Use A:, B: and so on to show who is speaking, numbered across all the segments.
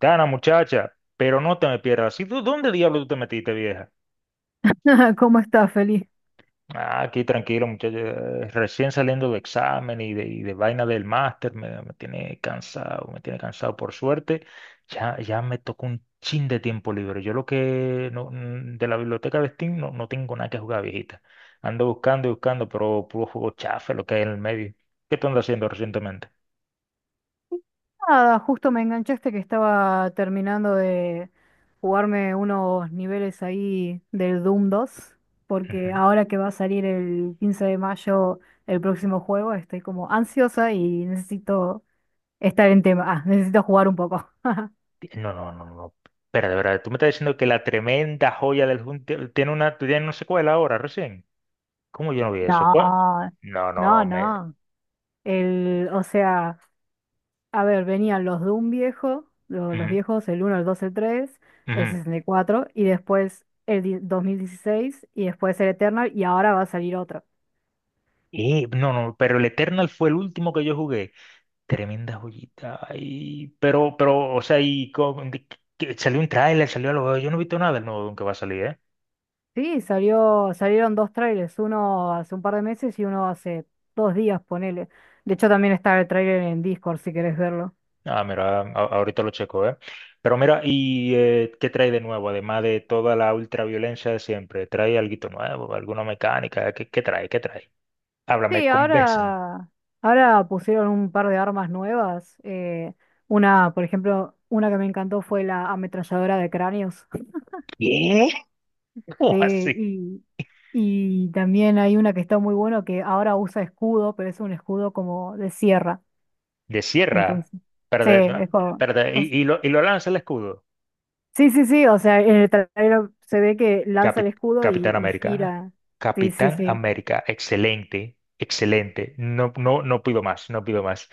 A: Gana muchacha, pero no te me pierdas. ¿Y tú dónde diablo tú te metiste, vieja?
B: ¿Cómo estás, feliz?
A: Ah, aquí tranquilo, muchacha. Recién saliendo del examen y de vaina del máster, me tiene cansado, me tiene cansado. Por suerte, ya me tocó un chin de tiempo libre. Yo lo que no, de la biblioteca de Steam no, no tengo nada que jugar, viejita. Ando buscando y buscando, pero puro juego chafe, lo que hay en el medio. ¿Qué tú andas haciendo recientemente?
B: Nada, justo me enganchaste que estaba terminando de jugarme unos niveles ahí del Doom dos, porque ahora que va a salir el 15 de mayo el próximo juego, estoy como ansiosa y necesito estar en tema. Necesito jugar un poco.
A: No, no, no, no. No. Espera, de verdad, tú me estás diciendo que la tremenda joya del Junte tiene una secuela ahora, recién. ¿Cómo yo no vi eso? ¿Cuál?
B: No,
A: No,
B: no,
A: no, me.
B: no. El, o sea, A ver, venían los Doom viejos, los
A: Ujú,
B: viejos, el uno, el 2, el 3, el
A: ujú.
B: 64 y cuatro, y después el 2016 y después el Eternal y ahora va a salir otro.
A: No, no, pero el Eternal fue el último que yo jugué. Tremenda joyita. Ay, pero, o sea, que salió un tráiler, salió algo. Yo no he visto nada del nuevo que va a salir, ¿eh?
B: Sí, salió, salieron dos trailers, uno hace un par de meses y uno hace 2 días, ponele. De hecho también está el trailer en Discord si querés verlo.
A: Ah, mira, ahorita lo checo, ¿eh? Pero mira, ¿y qué trae de nuevo? Además de toda la ultraviolencia de siempre, ¿trae algo nuevo? ¿Alguna mecánica? ¿Qué, qué trae? ¿Qué trae? Háblame,
B: Sí,
A: convénceme.
B: ahora, ahora pusieron un par de armas nuevas. Una, por ejemplo, una que me encantó fue la ametralladora de cráneos.
A: ¿Qué?
B: Sí,
A: ¿Cómo así?
B: y, y también hay una que está muy bueno que ahora usa escudo, pero es un escudo como de sierra.
A: ¿De sierra?
B: Entonces,
A: Pero,
B: sí, es
A: no,
B: como-
A: pero y,
B: o s-
A: y lo, y lo lanza el escudo.
B: sí, sí, sí, o sea, en el trailer se ve que lanza el
A: Capi-
B: escudo
A: Capitán
B: y
A: América.
B: gira. Sí, sí,
A: Capitán
B: sí.
A: América, excelente, excelente. No, no, no pido más, no pido más.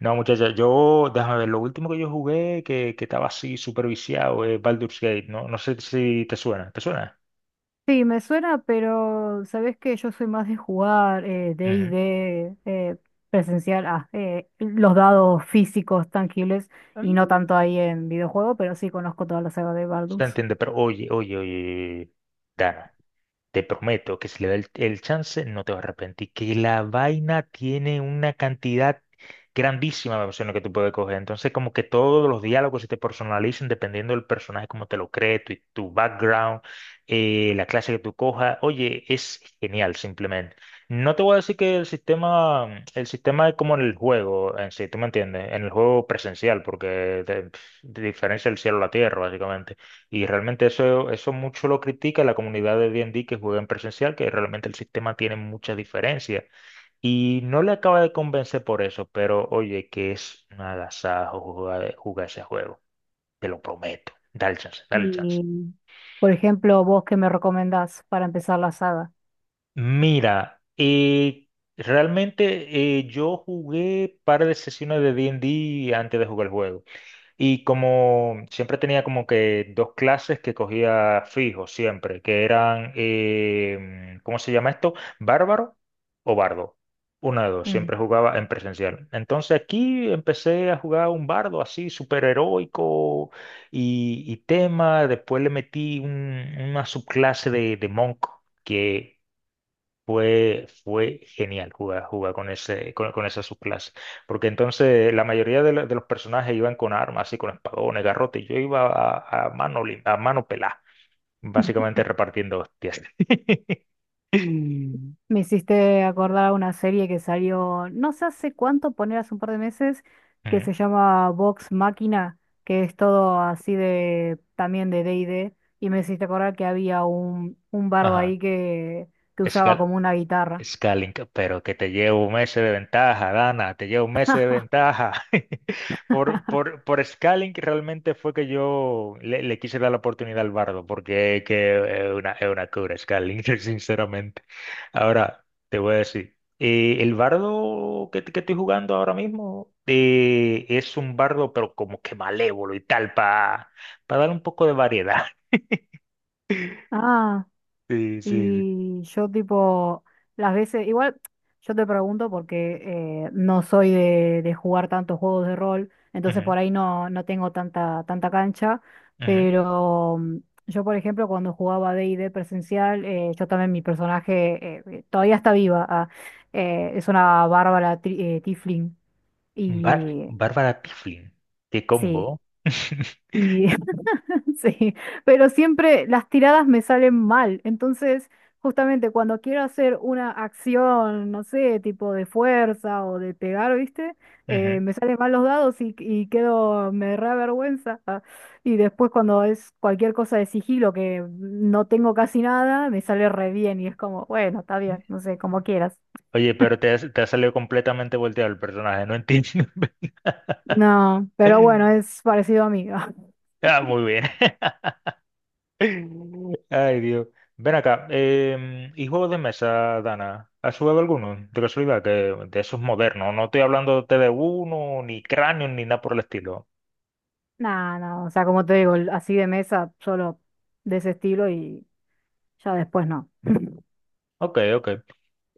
A: No, muchachos, yo, déjame ver, lo último que yo jugué que estaba así superviciado es Baldur's Gate, ¿no? No sé si te suena, ¿te suena?
B: Sí, me suena, pero sabes que yo soy más de jugar
A: Ujú.
B: D&D, presencial, los dados físicos tangibles y no
A: Mm,
B: tanto ahí en videojuego, pero sí conozco toda la saga de
A: Se
B: Baldur's.
A: entiende, pero oye, oye, oye, oye, oye, Dana, te prometo que si le da el chance, no te vas a arrepentir. Que la vaina tiene una cantidad grandísima de opciones que tú puedes coger. Entonces, como que todos los diálogos se te personalizan dependiendo del personaje, como te lo cree, tu background, la clase que tú cojas. Oye, es genial, simplemente. No te voy a decir que el sistema es como en el juego en sí, ¿tú me entiendes? En el juego presencial, porque te diferencia el cielo a la tierra, básicamente, y realmente eso mucho lo critica la comunidad de D&D que juega en presencial, que realmente el sistema tiene muchas diferencias. Y no le acaba de convencer por eso, pero oye, que es un agasajo jugar, jugar ese juego. Te lo prometo. Dale chance, dale chance.
B: Y, por ejemplo, vos qué me recomendás para empezar la saga.
A: Mira, realmente yo jugué par de sesiones de D&D antes de jugar el juego. Y como siempre tenía como que dos clases que cogía fijo siempre, que eran, ¿cómo se llama esto? Bárbaro o bardo. Una de dos,
B: Mm.
A: siempre jugaba en presencial. Entonces aquí empecé a jugar un bardo así, súper heroico y tema. Después le metí una subclase de monk, que fue genial jugar con ese, con esa subclase. Porque entonces la mayoría de los personajes iban con armas y con espadones, garrotes. Y yo iba a mano, a mano pelada, básicamente repartiendo hostias. Mm.
B: Me hiciste acordar una serie que salió no sé hace cuánto, poner hace un par de meses, que se llama Vox Máquina, que es todo así de también de D&D, y D. Y me hiciste acordar que había un bardo
A: Ajá.
B: ahí que usaba
A: Escala.
B: como una guitarra.
A: Scaling, pero que te llevo un mes de ventaja, Dana, te llevo un mes de ventaja. Por Scaling realmente fue que yo le quise dar la oportunidad al Bardo, porque que es una cura Scaling, sinceramente. Ahora, te voy a decir, el Bardo que estoy jugando ahora mismo es un Bardo, pero como que malévolo y tal, para dar un poco de variedad.
B: Ah.
A: Sí, sí, sí.
B: Y yo tipo, las veces, igual yo te pregunto porque no soy de jugar tantos juegos de rol, entonces
A: Ujú,
B: por ahí no, no tengo tanta, tanta cancha,
A: ujú.
B: pero yo por ejemplo cuando jugaba D&D presencial, yo también mi personaje todavía está viva, es una tiefling y
A: Bárbara Pifflin. Qué
B: sí.
A: combo.
B: Y sí, pero siempre las tiradas me salen mal. Entonces, justamente cuando quiero hacer una acción, no sé, tipo de fuerza o de pegar, ¿viste?
A: Ujú.
B: Me salen mal los dados y quedo, me da vergüenza. Ah. Y después cuando es cualquier cosa de sigilo que no tengo casi nada, me sale re bien y es como, bueno, está bien, no sé, como quieras.
A: Oye, pero te ha salido completamente volteado el personaje, no entiendo.
B: No, pero bueno, es parecido a mí.
A: Ah, muy bien. Ay, Dios. Ven acá. ¿Y juegos de mesa, Dana? ¿Has jugado alguno? De casualidad, que de esos modernos. No estoy hablándote de uno, ni cráneo, ni nada por el estilo.
B: No, no, o sea, como te digo, así de mesa, solo de ese estilo y ya después no.
A: Ok, ok.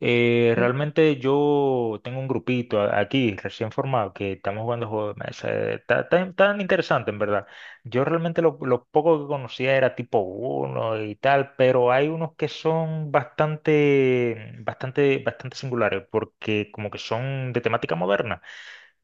A: Realmente yo tengo un grupito aquí recién formado que estamos jugando juegos de mesa. Está tan, tan interesante, en verdad. Yo realmente lo poco que conocía era tipo uno y tal, pero hay unos que son bastante, bastante, bastante singulares porque como que son de temática moderna.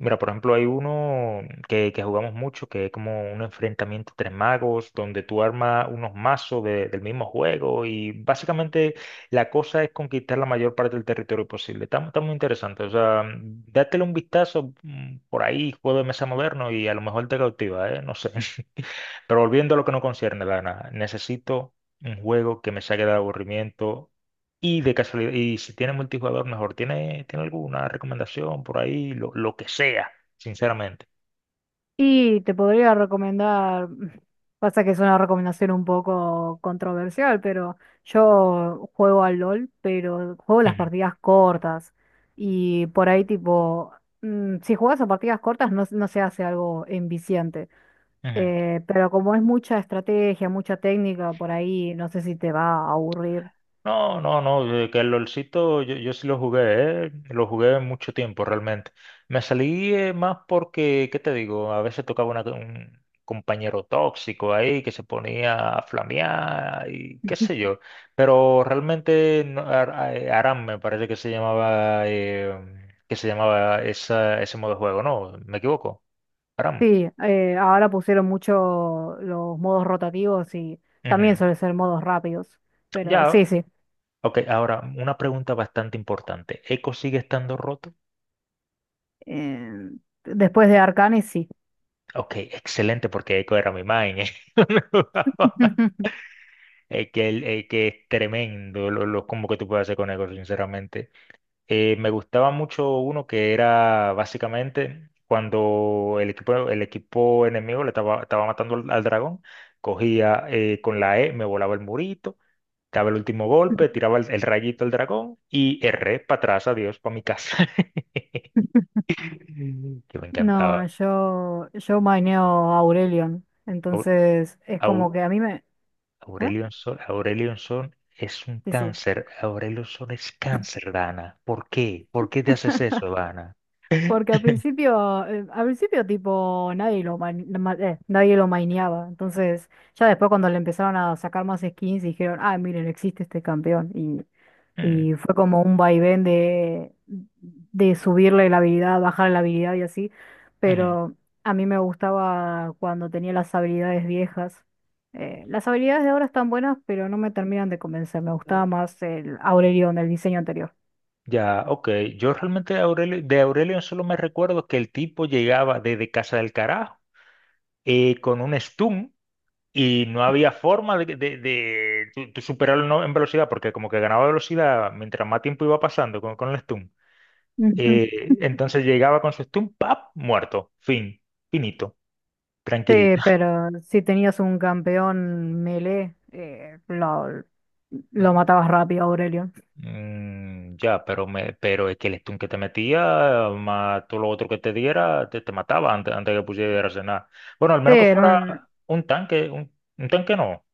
A: Mira, por ejemplo, hay uno que jugamos mucho, que es como un enfrentamiento entre magos, donde tú armas unos mazos del mismo juego y básicamente la cosa es conquistar la mayor parte del territorio posible. Está muy interesante, o sea, dátele un vistazo por ahí, juego de mesa moderno y a lo mejor te cautiva, ¿eh? No sé. Pero volviendo a lo que no concierne, Lana, necesito un juego que me saque del aburrimiento y de casualidad, y si tiene multijugador, mejor. ¿Tiene alguna recomendación por ahí? Lo que sea, sinceramente.
B: Y te podría recomendar, pasa que es una recomendación un poco controversial, pero yo juego al LOL, pero juego las
A: Ujú,
B: partidas cortas. Y por ahí tipo, si juegas a partidas cortas no, no se hace algo enviciante.
A: ujú.
B: Pero como es mucha estrategia, mucha técnica, por ahí no sé si te va a aburrir.
A: No, no, no, que el LOLcito yo sí lo jugué, lo jugué mucho tiempo realmente. Me salí más porque, ¿qué te digo? A veces tocaba un compañero tóxico ahí que se ponía a flamear y qué sé yo. Pero realmente Aram me parece que se llamaba ese modo de juego, ¿no? ¿Me equivoco? Aram.
B: Sí, ahora pusieron mucho los modos rotativos y también
A: Ujú.
B: suelen ser modos rápidos, pero sí,
A: Ya.
B: sí.
A: Ok, ahora una pregunta bastante importante. ¿Eco sigue estando roto?
B: Eh, Después de Arcanes, sí.
A: Ok, excelente, porque Echo era mi man, ¿eh? Es que es tremendo lo combo que tú puedes hacer con Echo, sinceramente. Me gustaba mucho uno que era básicamente cuando el equipo enemigo le estaba matando al dragón, cogía con la E, me volaba el murito, daba el último golpe, tiraba el rayito al dragón y erré para atrás, adiós, para mi casa. Que me encantaba.
B: No, yo maineo Aurelion.
A: Au-
B: Entonces, es como
A: au-
B: que a mí me. ¿Ah?
A: Aurelion Sol, Aurelion Sol es un
B: Sí, sí.
A: cáncer. Aurelion Sol es cáncer, Dana. ¿Por qué? ¿Por qué te haces eso, Dana?
B: Porque al principio tipo nadie lo maineaba. Entonces, ya después cuando le empezaron a sacar más skins, dijeron, ah, miren, existe este campeón.
A: Mm,
B: Y fue como un vaivén de subirle la habilidad, bajarle la habilidad y así.
A: ujú.
B: Pero a mí me gustaba cuando tenía las habilidades viejas. Las habilidades de ahora están buenas, pero no me terminan de convencer. Me gustaba más el Aurelion, el diseño anterior.
A: Ya, ok. Yo realmente de Aurelion solo me recuerdo que el tipo llegaba desde casa del carajo con un stun y no había forma tu superarlo, ¿no? En velocidad, porque como que ganaba velocidad mientras más tiempo iba pasando con el stun. Mm. Entonces llegaba con su stun, ¡pap! Muerto. Fin. Finito.
B: Sí,
A: Tranquilito.
B: pero si tenías un campeón melee, lo
A: Eh,
B: matabas rápido, Aurelio.
A: ya, pero es que el stun que te metía, más todo lo otro que te diera, te mataba antes que pusieras a cenar. Bueno, al
B: Sí,
A: menos que
B: en
A: fuera
B: un,
A: un tanque, un tanque no,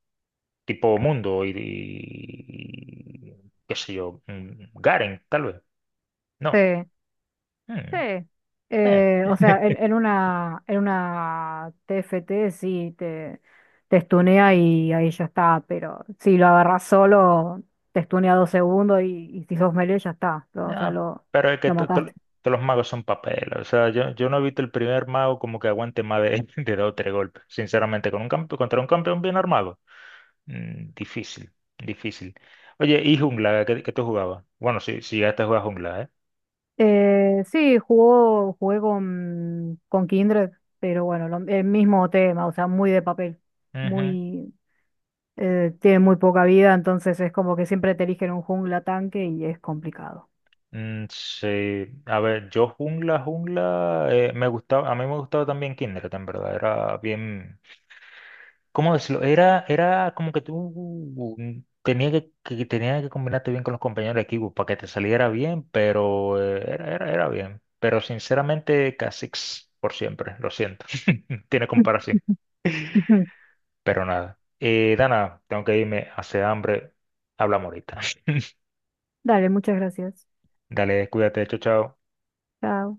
A: tipo Mundo y qué sé yo, Garen, tal vez.
B: sí,
A: No. Mm,
B: sí.
A: eh.
B: Eh, o sea, en, en una, en una TFT sí te estunea y ahí ya está, pero si lo agarras solo, te estunea 2 segundos y si sos melee ya está.
A: Ya, pero es que
B: Lo mataste.
A: todos los magos son papel. O sea, yo no he visto el primer mago como que aguante más de, de dos o tres golpes. Sinceramente, con un contra un campeón bien armado. Mm, difícil, difícil. Oye, ¿y jungla? ¿Qué, qué tú jugabas? Bueno, si si ya te juegas jungla, ¿eh?
B: Jugué con Kindred, pero bueno, el mismo tema, o sea, muy de papel,
A: Ujú.
B: muy, tiene muy poca vida, entonces es como que siempre te eligen un jungla tanque y es complicado.
A: Mm, sí, a ver, yo jungla, jungla, a mí me gustaba también Kindred, en verdad, era bien, ¿cómo decirlo? Era como que tú tenías que tenías que combinarte bien con los compañeros de equipo para que te saliera bien, pero era bien, pero sinceramente Kha'Zix por siempre, lo siento, tiene comparación. Pero nada. Dana, tengo que irme, hace hambre. Hablamos ahorita.
B: Dale, muchas gracias.
A: Dale, cuídate, chao, chao.
B: Chao.